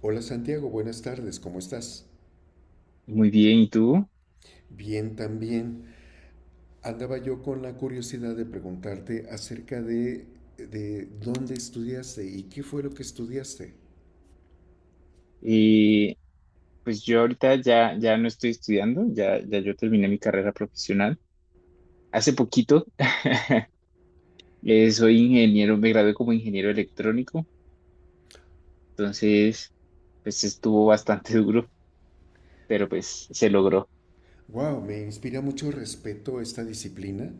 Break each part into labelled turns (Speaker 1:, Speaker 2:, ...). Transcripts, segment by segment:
Speaker 1: Hola Santiago, buenas tardes, ¿cómo estás?
Speaker 2: Muy bien, ¿y tú?
Speaker 1: Bien también. Andaba yo con la curiosidad de preguntarte acerca de dónde estudiaste y qué fue lo que estudiaste.
Speaker 2: Eh, pues yo ahorita ya no estoy estudiando, ya yo terminé mi carrera profesional hace poquito. Soy ingeniero, me gradué como ingeniero electrónico. Entonces pues estuvo bastante duro, pero pues se logró.
Speaker 1: Wow, me inspira mucho respeto esta disciplina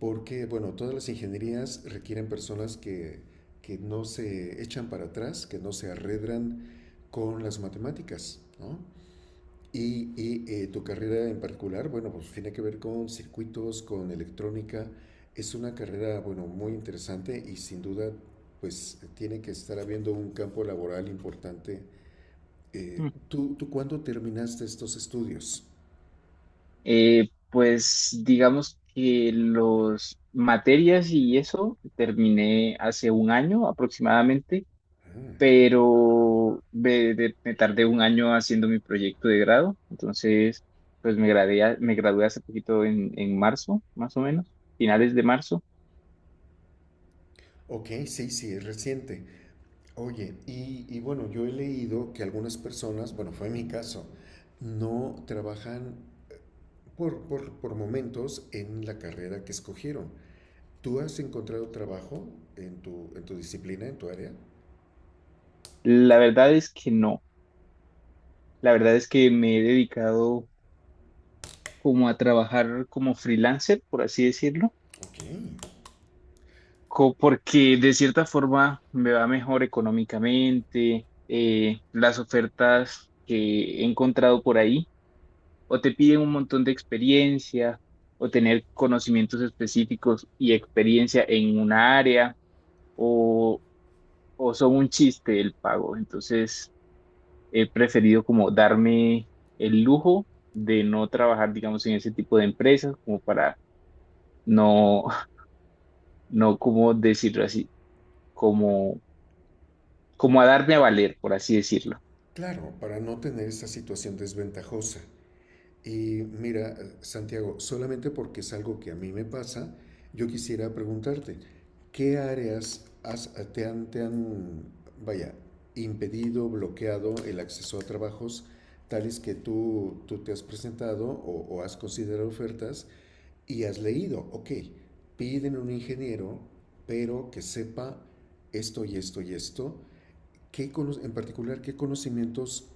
Speaker 1: porque, bueno, todas las ingenierías requieren personas que no se echan para atrás, que no se arredran con las matemáticas, ¿no? Tu carrera en particular, bueno, pues tiene que ver con circuitos, con electrónica. Es una carrera, bueno, muy interesante y sin duda, pues tiene que estar habiendo un campo laboral importante.
Speaker 2: Mm.
Speaker 1: ¿Tú cuándo terminaste estos estudios?
Speaker 2: Pues digamos que los materias y eso terminé hace un año aproximadamente,
Speaker 1: Ah,
Speaker 2: pero me tardé un año haciendo mi proyecto de grado. Entonces pues me gradué hace poquito en marzo, más o menos, finales de marzo.
Speaker 1: ok, sí, sí, es reciente. Oye, y bueno, yo he leído que algunas personas, bueno, fue mi caso, no trabajan por momentos en la carrera que escogieron. ¿Tú has encontrado trabajo en tu disciplina, en tu área?
Speaker 2: La verdad es que no, la verdad es que me he dedicado como a trabajar como freelancer, por así decirlo,
Speaker 1: Ok.
Speaker 2: porque de cierta forma me va mejor económicamente. Las ofertas que he encontrado por ahí o te piden un montón de experiencia o tener conocimientos específicos y experiencia en una área, o, o son un chiste el pago. Entonces he preferido como darme el lujo de no trabajar, digamos, en ese tipo de empresas, como para no, no como decirlo así, como, como a darme a valer, por así decirlo.
Speaker 1: Claro, para no tener esa situación desventajosa. Y mira, Santiago, solamente porque es algo que a mí me pasa, yo quisiera preguntarte, ¿qué áreas has- vaya, impedido, bloqueado el acceso a trabajos tales que tú te has presentado o has considerado ofertas y has leído, ok, piden un ingeniero, pero que sepa esto y esto y esto. ¿Qué cono- en particular qué conocimientos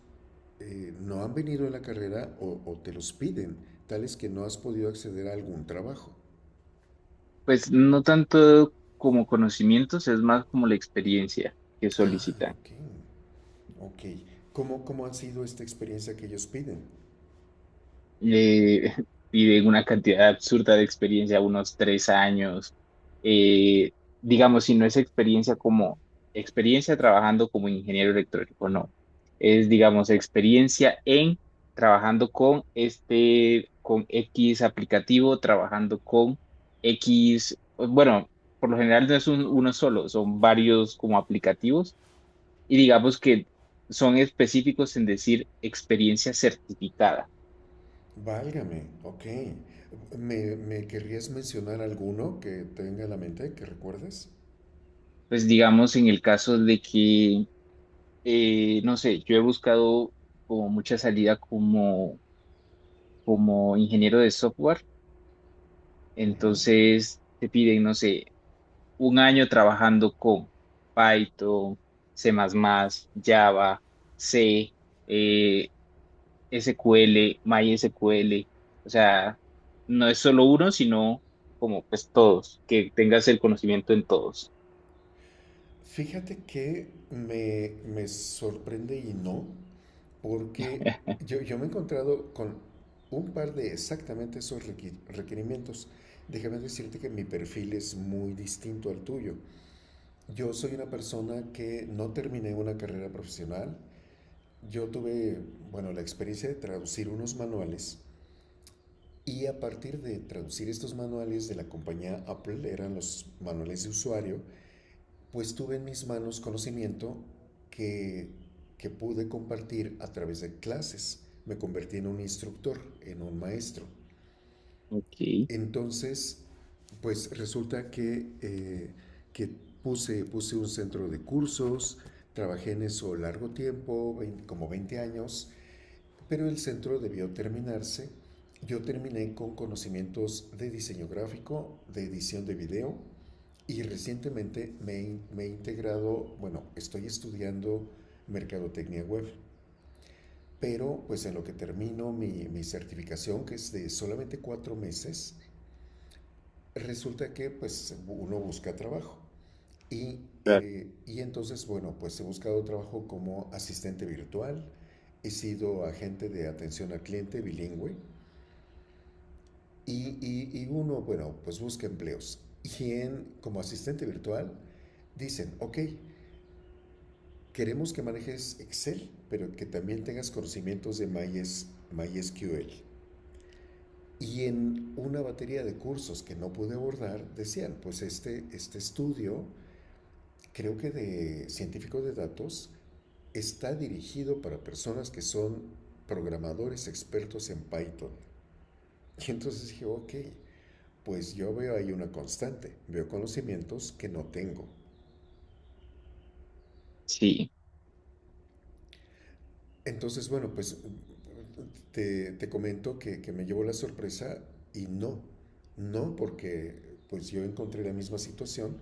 Speaker 1: no han venido en la carrera o te los piden, tales que no has podido acceder a algún trabajo?
Speaker 2: Pues no tanto como conocimientos, es más como la experiencia que
Speaker 1: Ah,
Speaker 2: solicitan.
Speaker 1: ok, ok. ¿Cómo ha sido esta experiencia que ellos piden?
Speaker 2: eh, Piden una cantidad absurda de experiencia, unos 3 años. Eh, digamos, si no es experiencia como experiencia trabajando como ingeniero electrónico, no. Es, digamos, experiencia en trabajando con este, con X aplicativo, trabajando con X, bueno, por lo general no es uno solo, son varios como aplicativos, y digamos que son específicos en decir experiencia certificada.
Speaker 1: Válgame, ok. ¿Me querrías mencionar alguno que tenga en la mente, que recuerdes?
Speaker 2: Pues digamos en el caso de que, no sé, yo he buscado como mucha salida como ingeniero de software,
Speaker 1: Ujú.
Speaker 2: entonces te piden, no sé, un año trabajando con Python, C++, Java, C, eh, SQL, MySQL. O sea, no es solo uno, sino como pues todos, que tengas el conocimiento en todos.
Speaker 1: Fíjate que me sorprende y no, porque yo me he encontrado con un par de exactamente esos requerimientos. Déjame decirte que mi perfil es muy distinto al tuyo. Yo soy una persona que no terminé una carrera profesional. Yo tuve, bueno, la experiencia de traducir unos manuales y a partir de traducir estos manuales de la compañía Apple, eran los manuales de usuario, pues tuve en mis manos conocimiento que, que pude compartir a través de clases. Me convertí en un instructor, en un maestro.
Speaker 2: Ok,
Speaker 1: Entonces, pues resulta que puse un centro de cursos, trabajé en eso largo tiempo, como 20 años, pero el centro debió terminarse. Yo terminé con conocimientos de diseño gráfico, de edición de video, y recientemente me he integrado, bueno, estoy estudiando mercadotecnia web, pero pues en lo que termino mi certificación, que es de solamente 4 meses, resulta que pues uno busca trabajo. Y,
Speaker 2: claro,
Speaker 1: y entonces, bueno, pues he buscado trabajo como asistente virtual, he sido agente de atención al cliente bilingüe y, y uno, bueno, pues busca empleos. Y en, como asistente virtual, dicen, ok, queremos que manejes Excel, pero que también tengas conocimientos de MySQL. Y en una batería de cursos que no pude abordar, decían, pues este estudio, creo que de científicos de datos, está dirigido para personas que son programadores expertos en Python. Y entonces dije, ok, pues yo veo ahí una constante, veo conocimientos que no tengo.
Speaker 2: sí.
Speaker 1: Entonces, bueno, pues te comento que me llevó la sorpresa y no, no porque pues yo encontré la misma situación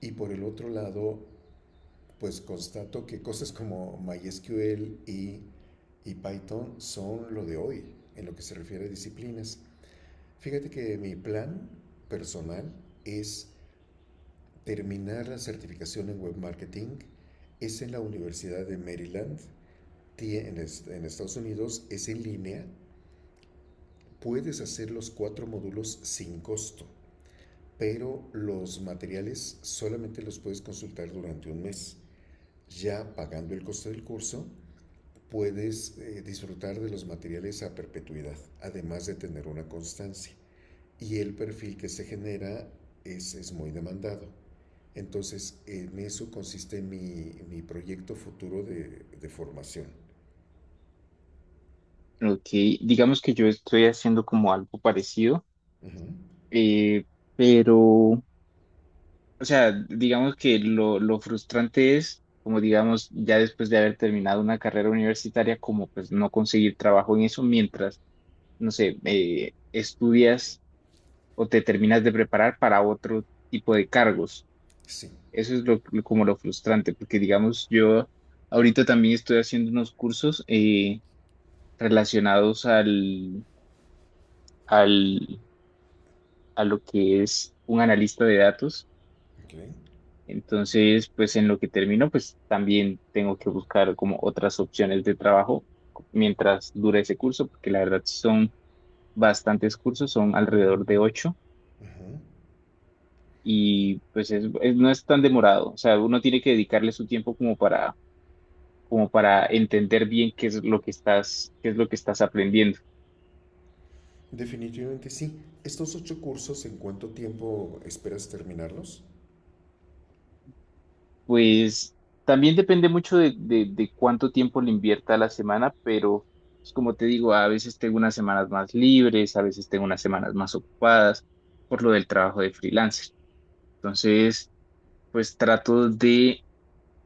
Speaker 1: y por el otro lado, pues constato que cosas como MySQL y Python son lo de hoy en lo que se refiere a disciplinas. Fíjate que mi plan personal es terminar la certificación en web marketing, es en la Universidad de Maryland, en Estados Unidos, es en línea. Puedes hacer los cuatro módulos sin costo, pero los materiales solamente los puedes consultar durante un mes. Ya pagando el costo del curso, puedes disfrutar de los materiales a perpetuidad, además de tener una constancia. Y el perfil que se genera es muy demandado. Entonces, en eso consiste mi proyecto futuro de formación.
Speaker 2: Ok, digamos que yo estoy haciendo como algo parecido,
Speaker 1: Ujú,
Speaker 2: eh, pero, o sea, digamos que lo frustrante es, como digamos, ya después de haber terminado una carrera universitaria, como pues no conseguir trabajo en eso mientras, no sé, estudias o te terminas de preparar para otro tipo de cargos.
Speaker 1: sí.
Speaker 2: Eso es como lo frustrante, porque digamos, yo ahorita también estoy haciendo unos cursos relacionados al... al a lo que es un analista de datos.
Speaker 1: Okay.
Speaker 2: Entonces, pues en lo que termino, pues también tengo que buscar como otras opciones de trabajo mientras dura ese curso, porque la verdad son bastantes cursos, son alrededor de ocho,
Speaker 1: Ujú.
Speaker 2: y pues es, no es tan demorado. O sea, uno tiene que dedicarle su tiempo como para entender bien qué es lo que estás aprendiendo.
Speaker 1: Definitivamente sí. ¿Estos ocho cursos en cuánto tiempo esperas terminarlos?
Speaker 2: Pues también depende mucho de cuánto tiempo le invierta a la semana, pero pues, como te digo, a veces tengo unas semanas más libres, a veces tengo unas semanas más ocupadas por lo del trabajo de freelancer. Entonces, pues trato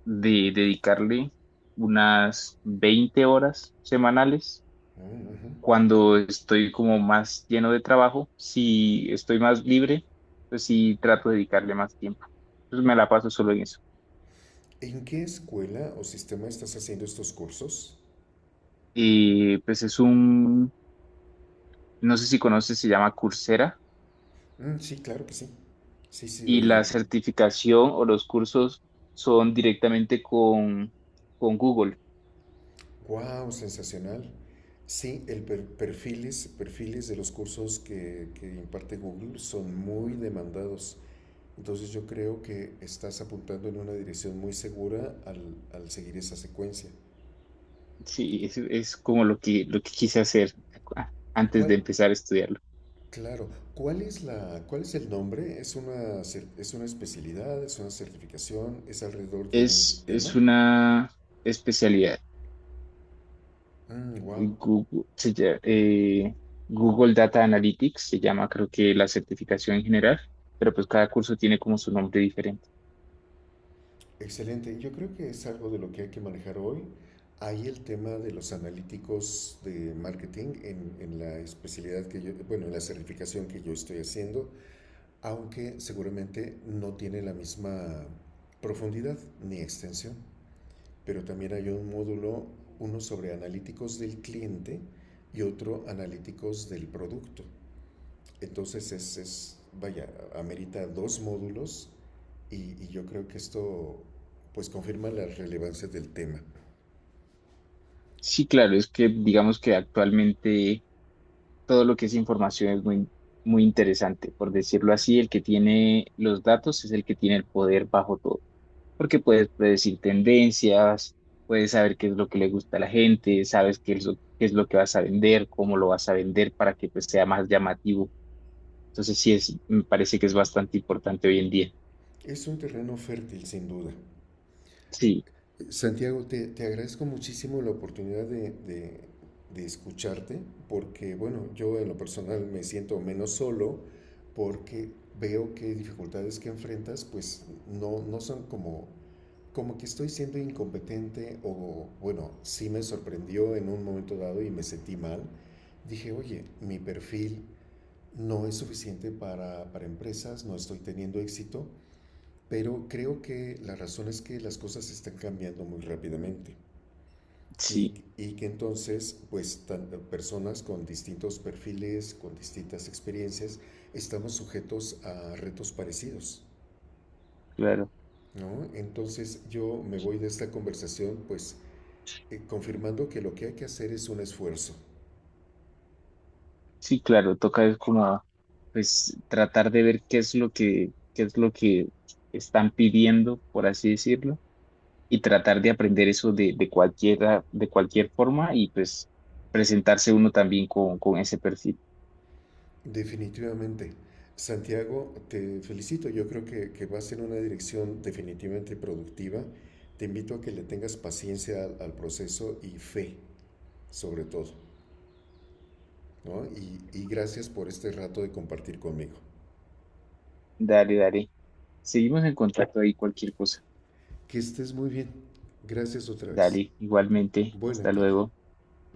Speaker 2: de dedicarle unas 20 horas semanales.
Speaker 1: Mm, ujú.
Speaker 2: Cuando estoy como más lleno de trabajo, si estoy más libre, pues sí trato de dedicarle más tiempo. Entonces me la paso solo en eso.
Speaker 1: ¿En qué escuela o sistema estás haciendo estos cursos?
Speaker 2: Y pues es un no sé si conoces, se llama Coursera.
Speaker 1: Mm, sí, claro que sí. Sí, sí, lo
Speaker 2: Y
Speaker 1: oí.
Speaker 2: la certificación o los cursos son directamente con Google.
Speaker 1: ¡Wow! Sensacional. Sí, el perfiles de los cursos que imparte Google son muy demandados. Entonces yo creo que estás apuntando en una dirección muy segura al seguir esa secuencia.
Speaker 2: Sí, es como lo que quise hacer antes
Speaker 1: ¿Cuál,
Speaker 2: de empezar a estudiarlo.
Speaker 1: Claro. ¿Cuál es el nombre? ¿Es una especialidad? ¿Es una certificación? ¿Es alrededor de un
Speaker 2: Es,
Speaker 1: tema?
Speaker 2: es una especialidad.
Speaker 1: Wow.
Speaker 2: Google, Google Data Analytics se llama, creo que la certificación en general, pero pues cada curso tiene como su nombre diferente.
Speaker 1: Excelente. Yo creo que es algo de lo que hay que manejar hoy. Hay el tema de los analíticos de marketing en la especialidad que yo, bueno, en la certificación que yo estoy haciendo, aunque seguramente no tiene la misma profundidad ni extensión. Pero también hay un módulo, uno sobre analíticos del cliente y otro analíticos del producto. Entonces es vaya, amerita dos módulos y, y yo creo que esto pues confirma la relevancia del tema.
Speaker 2: Sí, claro, es que digamos que actualmente todo lo que es información es muy, muy interesante. Por decirlo así, el que tiene los datos es el que tiene el poder bajo todo, porque puedes predecir tendencias, puedes saber qué es lo que le gusta a la gente, sabes qué es lo que vas a vender, cómo lo vas a vender para que pues, sea más llamativo. Entonces sí, me parece que es bastante importante hoy en día.
Speaker 1: Es un terreno fértil sin duda.
Speaker 2: Sí,
Speaker 1: Santiago, te agradezco muchísimo la oportunidad escucharte, porque bueno, yo en lo personal me siento menos solo, porque veo que dificultades que enfrentas pues no, no son como, que estoy siendo incompetente o bueno, sí me sorprendió en un momento dado y me sentí mal. Dije, oye, mi perfil no es suficiente para empresas, no estoy teniendo éxito, pero creo que la razón es que las cosas están cambiando muy rápidamente.
Speaker 2: sí,
Speaker 1: Y que entonces, pues, personas con distintos perfiles, con distintas experiencias, estamos sujetos a retos parecidos,
Speaker 2: claro.
Speaker 1: ¿no? Entonces yo me voy de esta conversación, pues, confirmando que lo que hay que hacer es un esfuerzo,
Speaker 2: Sí, claro, toca es como pues tratar de ver qué es lo que están pidiendo, por así decirlo, y tratar de aprender eso de cualquier forma, y pues presentarse uno también con, ese perfil.
Speaker 1: definitivamente. Santiago, te felicito, yo creo que vas en una dirección definitivamente productiva. Te invito a que le tengas paciencia al proceso y fe, sobre todo. ¿No? Y gracias por este rato de compartir conmigo.
Speaker 2: Dale, dale. Seguimos en contacto ahí, cualquier cosa.
Speaker 1: Que estés muy bien. Gracias otra vez.
Speaker 2: Dale, igualmente.
Speaker 1: Buena
Speaker 2: Hasta
Speaker 1: tarde.
Speaker 2: luego.